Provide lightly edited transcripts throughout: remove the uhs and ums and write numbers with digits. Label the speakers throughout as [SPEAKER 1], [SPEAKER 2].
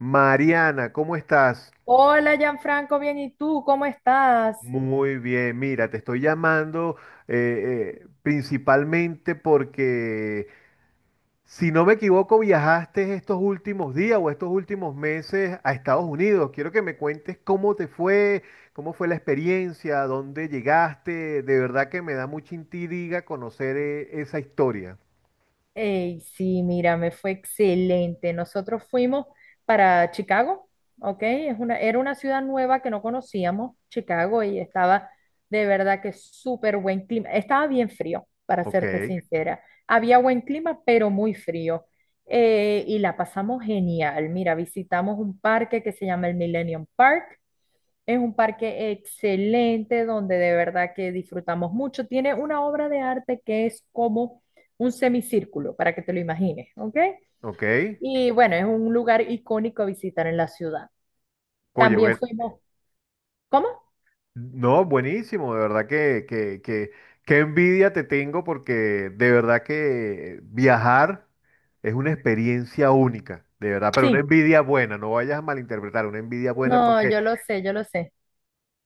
[SPEAKER 1] Mariana, ¿cómo estás?
[SPEAKER 2] Hola, Gianfranco, bien, ¿y tú cómo estás?
[SPEAKER 1] Muy bien, mira, te estoy llamando principalmente porque, si no me equivoco, viajaste estos últimos días o estos últimos meses a Estados Unidos. Quiero que me cuentes cómo te fue, cómo fue la experiencia, a dónde llegaste. De verdad que me da mucha intriga conocer esa historia.
[SPEAKER 2] Ey, sí, mira, me fue excelente. Nosotros fuimos para Chicago, ¿ok? Es una, era una ciudad nueva que no conocíamos, Chicago, y estaba de verdad que súper buen clima. Estaba bien frío, para
[SPEAKER 1] Ok,
[SPEAKER 2] serte sincera. Había buen clima, pero muy frío. Y la pasamos genial. Mira, visitamos un parque que se llama el Millennium Park. Es un parque excelente donde de verdad que disfrutamos mucho. Tiene una obra de arte que es como un semicírculo, para que te lo imagines, ¿ok?
[SPEAKER 1] ok.
[SPEAKER 2] Y bueno, es un lugar icónico a visitar en la ciudad.
[SPEAKER 1] Oye,
[SPEAKER 2] También
[SPEAKER 1] bueno.
[SPEAKER 2] fuimos, ¿cómo?
[SPEAKER 1] No, buenísimo, de verdad que, qué envidia te tengo porque de verdad que viajar es una experiencia única, de verdad, pero
[SPEAKER 2] Sí,
[SPEAKER 1] una envidia buena, no vayas a malinterpretar, una envidia buena
[SPEAKER 2] no,
[SPEAKER 1] porque
[SPEAKER 2] yo lo sé, yo lo sé.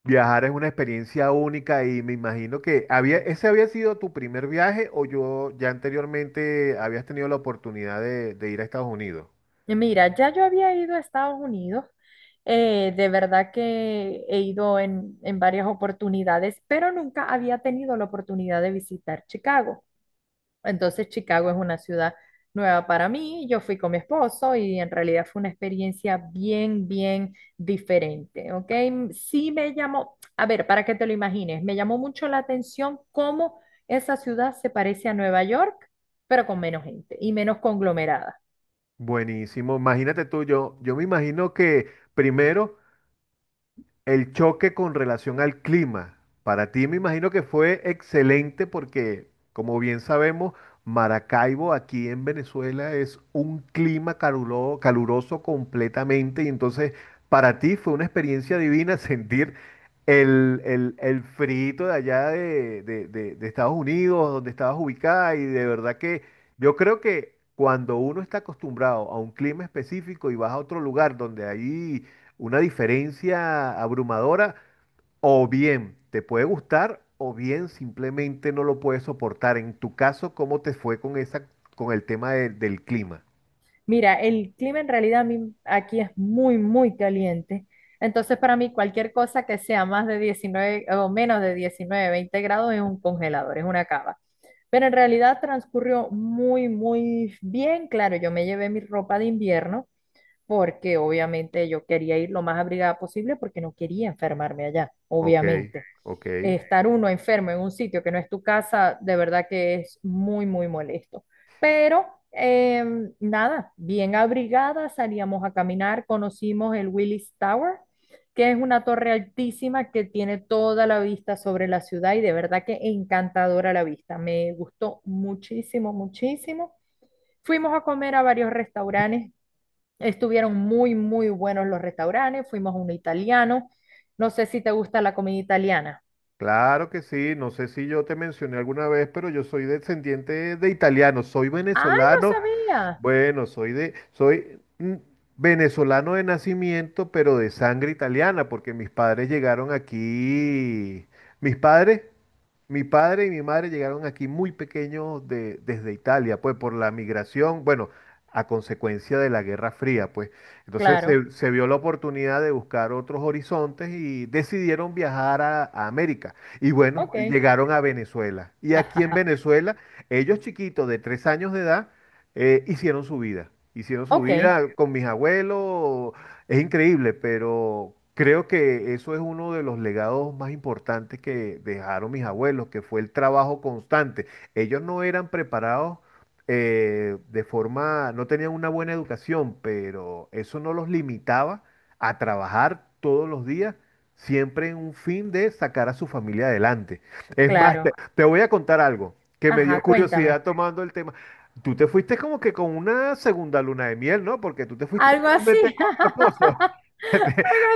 [SPEAKER 1] viajar es una experiencia única y me imagino que había, ese había sido tu primer viaje o yo ya anteriormente habías tenido la oportunidad de ir a Estados Unidos.
[SPEAKER 2] Mira, ya yo había ido a Estados Unidos, de verdad que he ido en varias oportunidades, pero nunca había tenido la oportunidad de visitar Chicago. Entonces Chicago es una ciudad nueva para mí. Yo fui con mi esposo y en realidad fue una experiencia bien, bien diferente, ¿ok? Sí me llamó, a ver, para que te lo imagines, me llamó mucho la atención cómo esa ciudad se parece a Nueva York, pero con menos gente y menos conglomerada.
[SPEAKER 1] Buenísimo, imagínate tú, yo me imagino que primero... El choque con relación al clima, para ti me imagino que fue excelente porque, como bien sabemos, Maracaibo aquí en Venezuela es un clima caluroso completamente y entonces para ti fue una experiencia divina sentir el friito de allá de Estados Unidos, donde estabas ubicada y de verdad que yo creo que cuando uno está acostumbrado a un clima específico y vas a otro lugar donde hay una diferencia abrumadora, o bien te puede gustar, o bien simplemente no lo puedes soportar. En tu caso, ¿cómo te fue con esa, con el tema del clima?
[SPEAKER 2] Mira, el clima en realidad a mí aquí es muy, muy caliente. Entonces, para mí, cualquier cosa que sea más de 19 o menos de 19, 20 grados es un congelador, es una cava. Pero en realidad transcurrió muy, muy bien. Claro, yo me llevé mi ropa de invierno porque obviamente yo quería ir lo más abrigada posible porque no quería enfermarme allá,
[SPEAKER 1] Ok,
[SPEAKER 2] obviamente
[SPEAKER 1] ok.
[SPEAKER 2] estar uno enfermo en un sitio que no es tu casa, de verdad que es muy, muy molesto. Pero eh, nada, bien abrigada, salíamos a caminar, conocimos el Willis Tower, que es una torre altísima que tiene toda la vista sobre la ciudad y de verdad que encantadora la vista. Me gustó muchísimo, muchísimo. Fuimos a comer a varios restaurantes, estuvieron muy, muy buenos los restaurantes, fuimos a un italiano. No sé si te gusta la comida italiana.
[SPEAKER 1] Claro que sí. No sé si yo te mencioné alguna vez, pero yo soy descendiente de italiano, soy
[SPEAKER 2] Ay, no
[SPEAKER 1] venezolano.
[SPEAKER 2] sabía.
[SPEAKER 1] Bueno, soy venezolano de nacimiento, pero de sangre italiana, porque mis padres llegaron aquí. Mis padres Mi padre y mi madre llegaron aquí muy pequeños desde Italia, pues por la migración, bueno, a consecuencia de la Guerra Fría, pues. Entonces
[SPEAKER 2] Claro,
[SPEAKER 1] se vio la oportunidad de buscar otros horizontes y decidieron viajar a América. Y bueno,
[SPEAKER 2] ok.
[SPEAKER 1] y llegaron a Venezuela. Y aquí en
[SPEAKER 2] Ajá.
[SPEAKER 1] Venezuela, ellos chiquitos de tres años de edad, hicieron su vida. Hicieron su
[SPEAKER 2] Ok,
[SPEAKER 1] vida con mis abuelos, es increíble, pero creo que eso es uno de los legados más importantes que dejaron mis abuelos, que fue el trabajo constante. Ellos no eran preparados de forma, no tenían una buena educación, pero eso no los limitaba a trabajar todos los días, siempre en un fin de sacar a su familia adelante. Es más,
[SPEAKER 2] claro.
[SPEAKER 1] te voy a contar algo que me dio
[SPEAKER 2] Ajá, cuéntame.
[SPEAKER 1] curiosidad tomando el tema. Tú te fuiste como que con una segunda luna de miel, ¿no? Porque tú te fuiste
[SPEAKER 2] Algo
[SPEAKER 1] solamente
[SPEAKER 2] así.
[SPEAKER 1] lo
[SPEAKER 2] Algo
[SPEAKER 1] Te,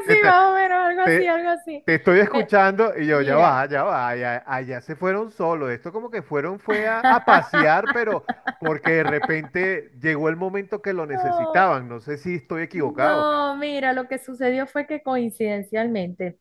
[SPEAKER 2] así,
[SPEAKER 1] te-
[SPEAKER 2] más o menos, algo así,
[SPEAKER 1] te-
[SPEAKER 2] algo así.
[SPEAKER 1] te estoy
[SPEAKER 2] Me-
[SPEAKER 1] escuchando y yo,
[SPEAKER 2] mira.
[SPEAKER 1] ya va, allá se fueron solos. Esto como que fueron, fue a pasear, pero porque de repente llegó el momento que lo
[SPEAKER 2] Oh,
[SPEAKER 1] necesitaban. No sé si estoy equivocado.
[SPEAKER 2] no, mira, lo que sucedió fue que coincidencialmente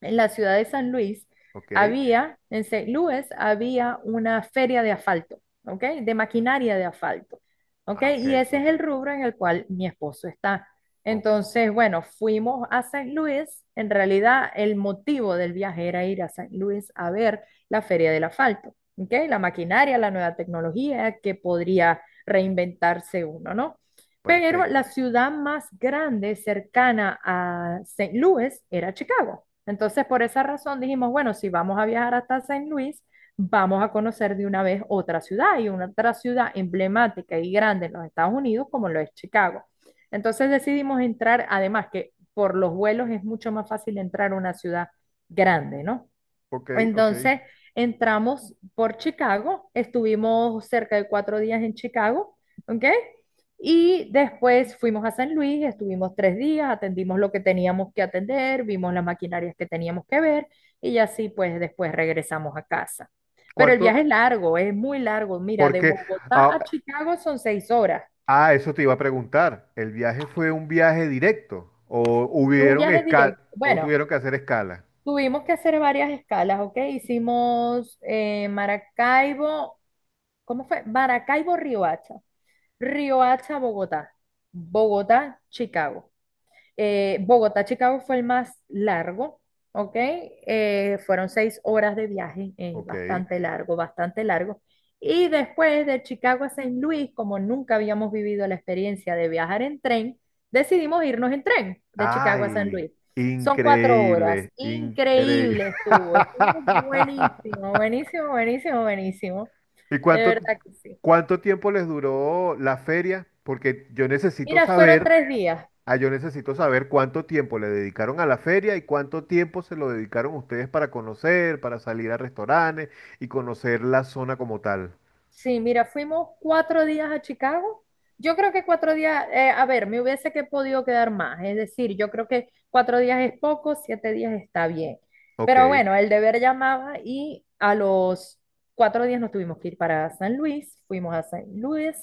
[SPEAKER 2] en la ciudad de San Luis
[SPEAKER 1] Ok,
[SPEAKER 2] había, en Saint Louis había una feria de asfalto, ¿ok? De maquinaria de asfalto, ¿ok?
[SPEAKER 1] ah, ok,
[SPEAKER 2] Y ese es
[SPEAKER 1] ok,
[SPEAKER 2] el rubro en el cual mi esposo está.
[SPEAKER 1] ok,
[SPEAKER 2] Entonces, bueno, fuimos a Saint Louis. En realidad, el motivo del viaje era ir a Saint Louis a ver la feria del asfalto, ¿ok? La maquinaria, la nueva tecnología que podría reinventarse uno, ¿no? Pero la
[SPEAKER 1] perfecto.
[SPEAKER 2] ciudad más grande cercana a Saint Louis era Chicago. Entonces, por esa razón dijimos, bueno, si vamos a viajar hasta Saint Louis, vamos a conocer de una vez otra ciudad y una otra ciudad emblemática y grande en los Estados Unidos como lo es Chicago. Entonces decidimos entrar, además que por los vuelos es mucho más fácil entrar a una ciudad grande, ¿no?
[SPEAKER 1] Ok, ok.
[SPEAKER 2] Entonces entramos por Chicago, estuvimos cerca de 4 días en Chicago, ¿ok? Y después fuimos a San Luis, estuvimos 3 días, atendimos lo que teníamos que atender, vimos las maquinarias que teníamos que ver y así pues después regresamos a casa. Pero el viaje
[SPEAKER 1] ¿Cuánto?
[SPEAKER 2] es largo, es muy largo. Mira, de
[SPEAKER 1] Porque,
[SPEAKER 2] Bogotá
[SPEAKER 1] ah,
[SPEAKER 2] a Chicago son 6 horas.
[SPEAKER 1] ah, eso te iba a preguntar. ¿El viaje fue un viaje directo o
[SPEAKER 2] Es un
[SPEAKER 1] hubieron
[SPEAKER 2] viaje
[SPEAKER 1] escala
[SPEAKER 2] directo.
[SPEAKER 1] o
[SPEAKER 2] Bueno,
[SPEAKER 1] tuvieron que hacer escala?
[SPEAKER 2] tuvimos que hacer varias escalas, ¿ok? Hicimos Maracaibo, ¿cómo fue? Maracaibo, Riohacha. Riohacha, Bogotá. Bogotá, Chicago. Bogotá, Chicago fue el más largo, ¿ok? Fueron 6 horas de viaje,
[SPEAKER 1] Ok.
[SPEAKER 2] bastante largo, bastante largo. Y después de Chicago a San Luis, como nunca habíamos vivido la experiencia de viajar en tren, decidimos irnos en tren de Chicago a San
[SPEAKER 1] Ay,
[SPEAKER 2] Luis. Son 4 horas.
[SPEAKER 1] increíble, increíble.
[SPEAKER 2] Increíble estuvo. Estuvo buenísimo, buenísimo, buenísimo, buenísimo.
[SPEAKER 1] ¿Y
[SPEAKER 2] De verdad que sí.
[SPEAKER 1] cuánto tiempo les duró la feria? Porque yo necesito
[SPEAKER 2] Mira, fueron
[SPEAKER 1] saber,
[SPEAKER 2] 3 días.
[SPEAKER 1] ah, yo necesito saber cuánto tiempo le dedicaron a la feria y cuánto tiempo se lo dedicaron ustedes para conocer, para salir a restaurantes y conocer la zona como tal.
[SPEAKER 2] Sí, mira, fuimos 4 días a Chicago. Yo creo que 4 días, a ver, me hubiese que podido quedar más. Es decir, yo creo que cuatro días es poco, 7 días está bien.
[SPEAKER 1] Ok.
[SPEAKER 2] Pero bueno, el deber llamaba y a los 4 días nos tuvimos que ir para San Luis. Fuimos a San Luis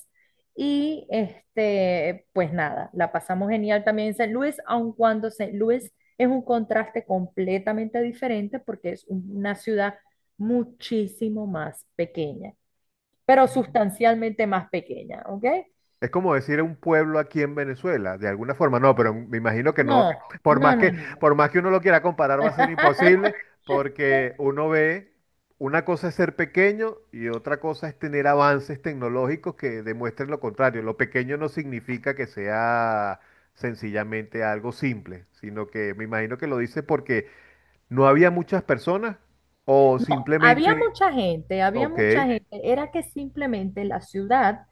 [SPEAKER 2] y este, pues nada, la pasamos genial también en San Luis, aun cuando San Luis es un contraste completamente diferente porque es una ciudad muchísimo más pequeña pero sustancialmente más pequeña, ¿ok?
[SPEAKER 1] Es como decir un pueblo aquí en Venezuela, de alguna forma. No, pero me imagino que
[SPEAKER 2] No,
[SPEAKER 1] no. Por más
[SPEAKER 2] no, no, no.
[SPEAKER 1] por más que uno lo quiera comparar, va a ser imposible porque uno ve, una cosa es ser pequeño y otra cosa es tener avances tecnológicos que demuestren lo contrario. Lo pequeño no significa que sea sencillamente algo simple, sino que me imagino que lo dice porque no había muchas personas o
[SPEAKER 2] No, había
[SPEAKER 1] simplemente,
[SPEAKER 2] mucha gente, había
[SPEAKER 1] ok,
[SPEAKER 2] mucha gente. Era que simplemente la ciudad,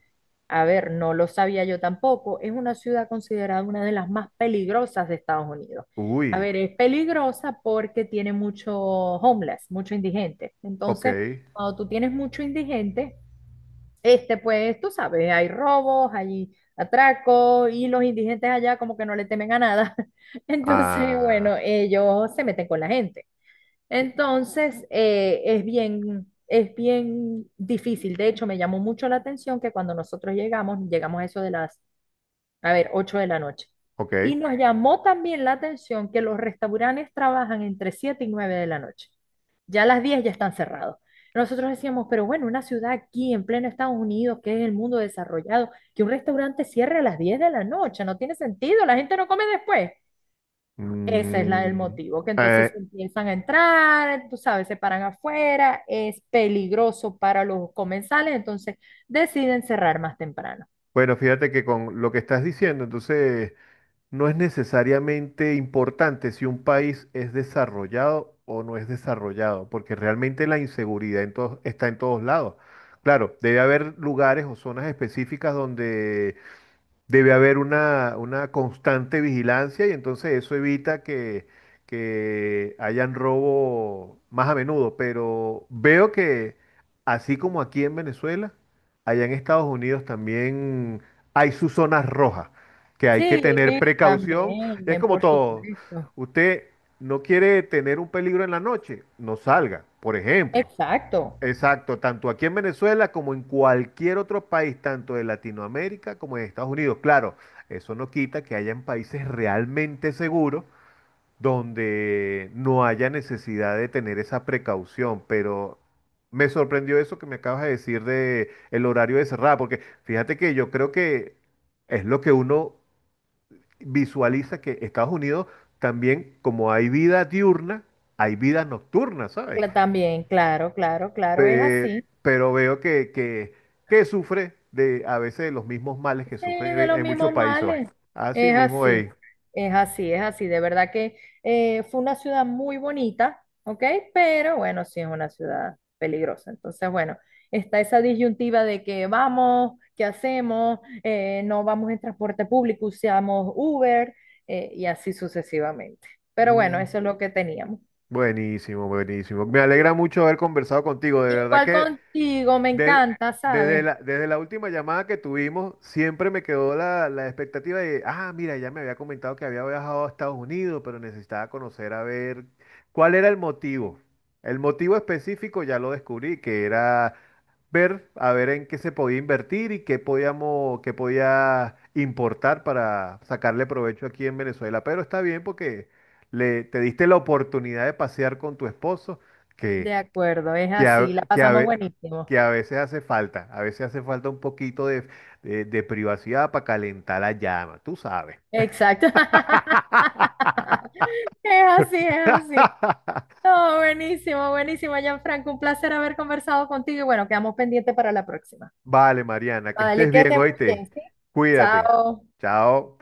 [SPEAKER 2] a ver, no lo sabía yo tampoco, es una ciudad considerada una de las más peligrosas de Estados Unidos. A
[SPEAKER 1] uy,
[SPEAKER 2] ver, es peligrosa porque tiene mucho homeless, mucho indigente.
[SPEAKER 1] ok,
[SPEAKER 2] Entonces, cuando tú tienes mucho indigente, este, pues, tú sabes, hay robos, hay atracos y los indigentes allá como que no le temen a nada. Entonces,
[SPEAKER 1] ah,
[SPEAKER 2] bueno, ellos se meten con la gente. Entonces, es bien difícil. De hecho, me llamó mucho la atención que cuando nosotros llegamos, llegamos a eso de las, a ver, 8 de la noche.
[SPEAKER 1] ok.
[SPEAKER 2] Y nos llamó también la atención que los restaurantes trabajan entre 7 y 9 de la noche, ya a las 10 ya están cerrados. Nosotros decíamos, pero bueno, una ciudad aquí en pleno Estados Unidos, que es el mundo desarrollado, que un restaurante cierre a las 10 de la noche, no tiene sentido, la gente no come después. Ese es la, el
[SPEAKER 1] Mm,
[SPEAKER 2] motivo, que entonces
[SPEAKER 1] eh,
[SPEAKER 2] empiezan a entrar, tú sabes, se paran afuera, es peligroso para los comensales, entonces deciden cerrar más temprano.
[SPEAKER 1] bueno, fíjate que con lo que estás diciendo, entonces no es necesariamente importante si un país es desarrollado o no es desarrollado, porque realmente la inseguridad está en todos lados. Claro, debe haber lugares o zonas específicas donde debe haber una constante vigilancia y entonces eso evita que hayan robo más a menudo. Pero veo que así como aquí en Venezuela, allá en Estados Unidos también hay sus zonas rojas, que hay que
[SPEAKER 2] Sí,
[SPEAKER 1] tener precaución. Es
[SPEAKER 2] también,
[SPEAKER 1] como
[SPEAKER 2] por
[SPEAKER 1] todo.
[SPEAKER 2] supuesto.
[SPEAKER 1] Usted no quiere tener un peligro en la noche, no salga, por ejemplo.
[SPEAKER 2] Exacto.
[SPEAKER 1] Exacto, tanto aquí en Venezuela como en cualquier otro país, tanto de Latinoamérica como de Estados Unidos. Claro, eso no quita que hayan países realmente seguros donde no haya necesidad de tener esa precaución, pero me sorprendió eso que me acabas de decir de el horario de cerrada, porque fíjate que yo creo que es lo que uno visualiza que Estados Unidos también, como hay vida diurna, hay vida nocturna, ¿sabes?
[SPEAKER 2] También, claro, claro, claro, es
[SPEAKER 1] Pe-
[SPEAKER 2] así.
[SPEAKER 1] pero veo que que sufre de a veces de los mismos males
[SPEAKER 2] Sí,
[SPEAKER 1] que
[SPEAKER 2] de
[SPEAKER 1] sufre
[SPEAKER 2] los
[SPEAKER 1] en muchos
[SPEAKER 2] mismos
[SPEAKER 1] países.
[SPEAKER 2] males.
[SPEAKER 1] Así
[SPEAKER 2] Es
[SPEAKER 1] mismo,
[SPEAKER 2] así,
[SPEAKER 1] ey.
[SPEAKER 2] es así, es así. De verdad que fue una ciudad muy bonita, ¿ok? Pero bueno, sí es una ciudad peligrosa. Entonces, bueno, está esa disyuntiva de que vamos, qué hacemos. No vamos en transporte público, usamos Uber y así sucesivamente. Pero bueno,
[SPEAKER 1] Mm,
[SPEAKER 2] eso es lo que teníamos.
[SPEAKER 1] buenísimo, buenísimo. Me alegra mucho haber conversado contigo. De verdad
[SPEAKER 2] Igual
[SPEAKER 1] que
[SPEAKER 2] contigo, me
[SPEAKER 1] de-
[SPEAKER 2] encanta,
[SPEAKER 1] desde
[SPEAKER 2] ¿sabes?
[SPEAKER 1] desde la última llamada que tuvimos, siempre me quedó la expectativa de, ah, mira, ya me había comentado que había viajado a Estados Unidos, pero necesitaba conocer a ver cuál era el motivo. El motivo específico ya lo descubrí, que era ver, a ver en qué se podía invertir y qué podíamos, qué podía importar para sacarle provecho aquí en Venezuela. Pero está bien porque te diste la oportunidad de pasear con tu esposo,
[SPEAKER 2] De
[SPEAKER 1] que
[SPEAKER 2] acuerdo, es
[SPEAKER 1] que
[SPEAKER 2] así,
[SPEAKER 1] a,
[SPEAKER 2] la
[SPEAKER 1] que a
[SPEAKER 2] pasamos
[SPEAKER 1] ve-
[SPEAKER 2] buenísimo.
[SPEAKER 1] que a veces hace falta, a veces hace falta un poquito de, de privacidad para calentar la llama, tú sabes.
[SPEAKER 2] Exacto. Es así, es así. No, buenísimo, buenísimo, Gianfranco. Un placer haber conversado contigo y bueno, quedamos pendientes para la próxima.
[SPEAKER 1] Vale, Mariana, que
[SPEAKER 2] Vale,
[SPEAKER 1] estés
[SPEAKER 2] que
[SPEAKER 1] bien,
[SPEAKER 2] estén muy bien,
[SPEAKER 1] oíste.
[SPEAKER 2] ¿sí?
[SPEAKER 1] Cuídate.
[SPEAKER 2] Chao.
[SPEAKER 1] Chao.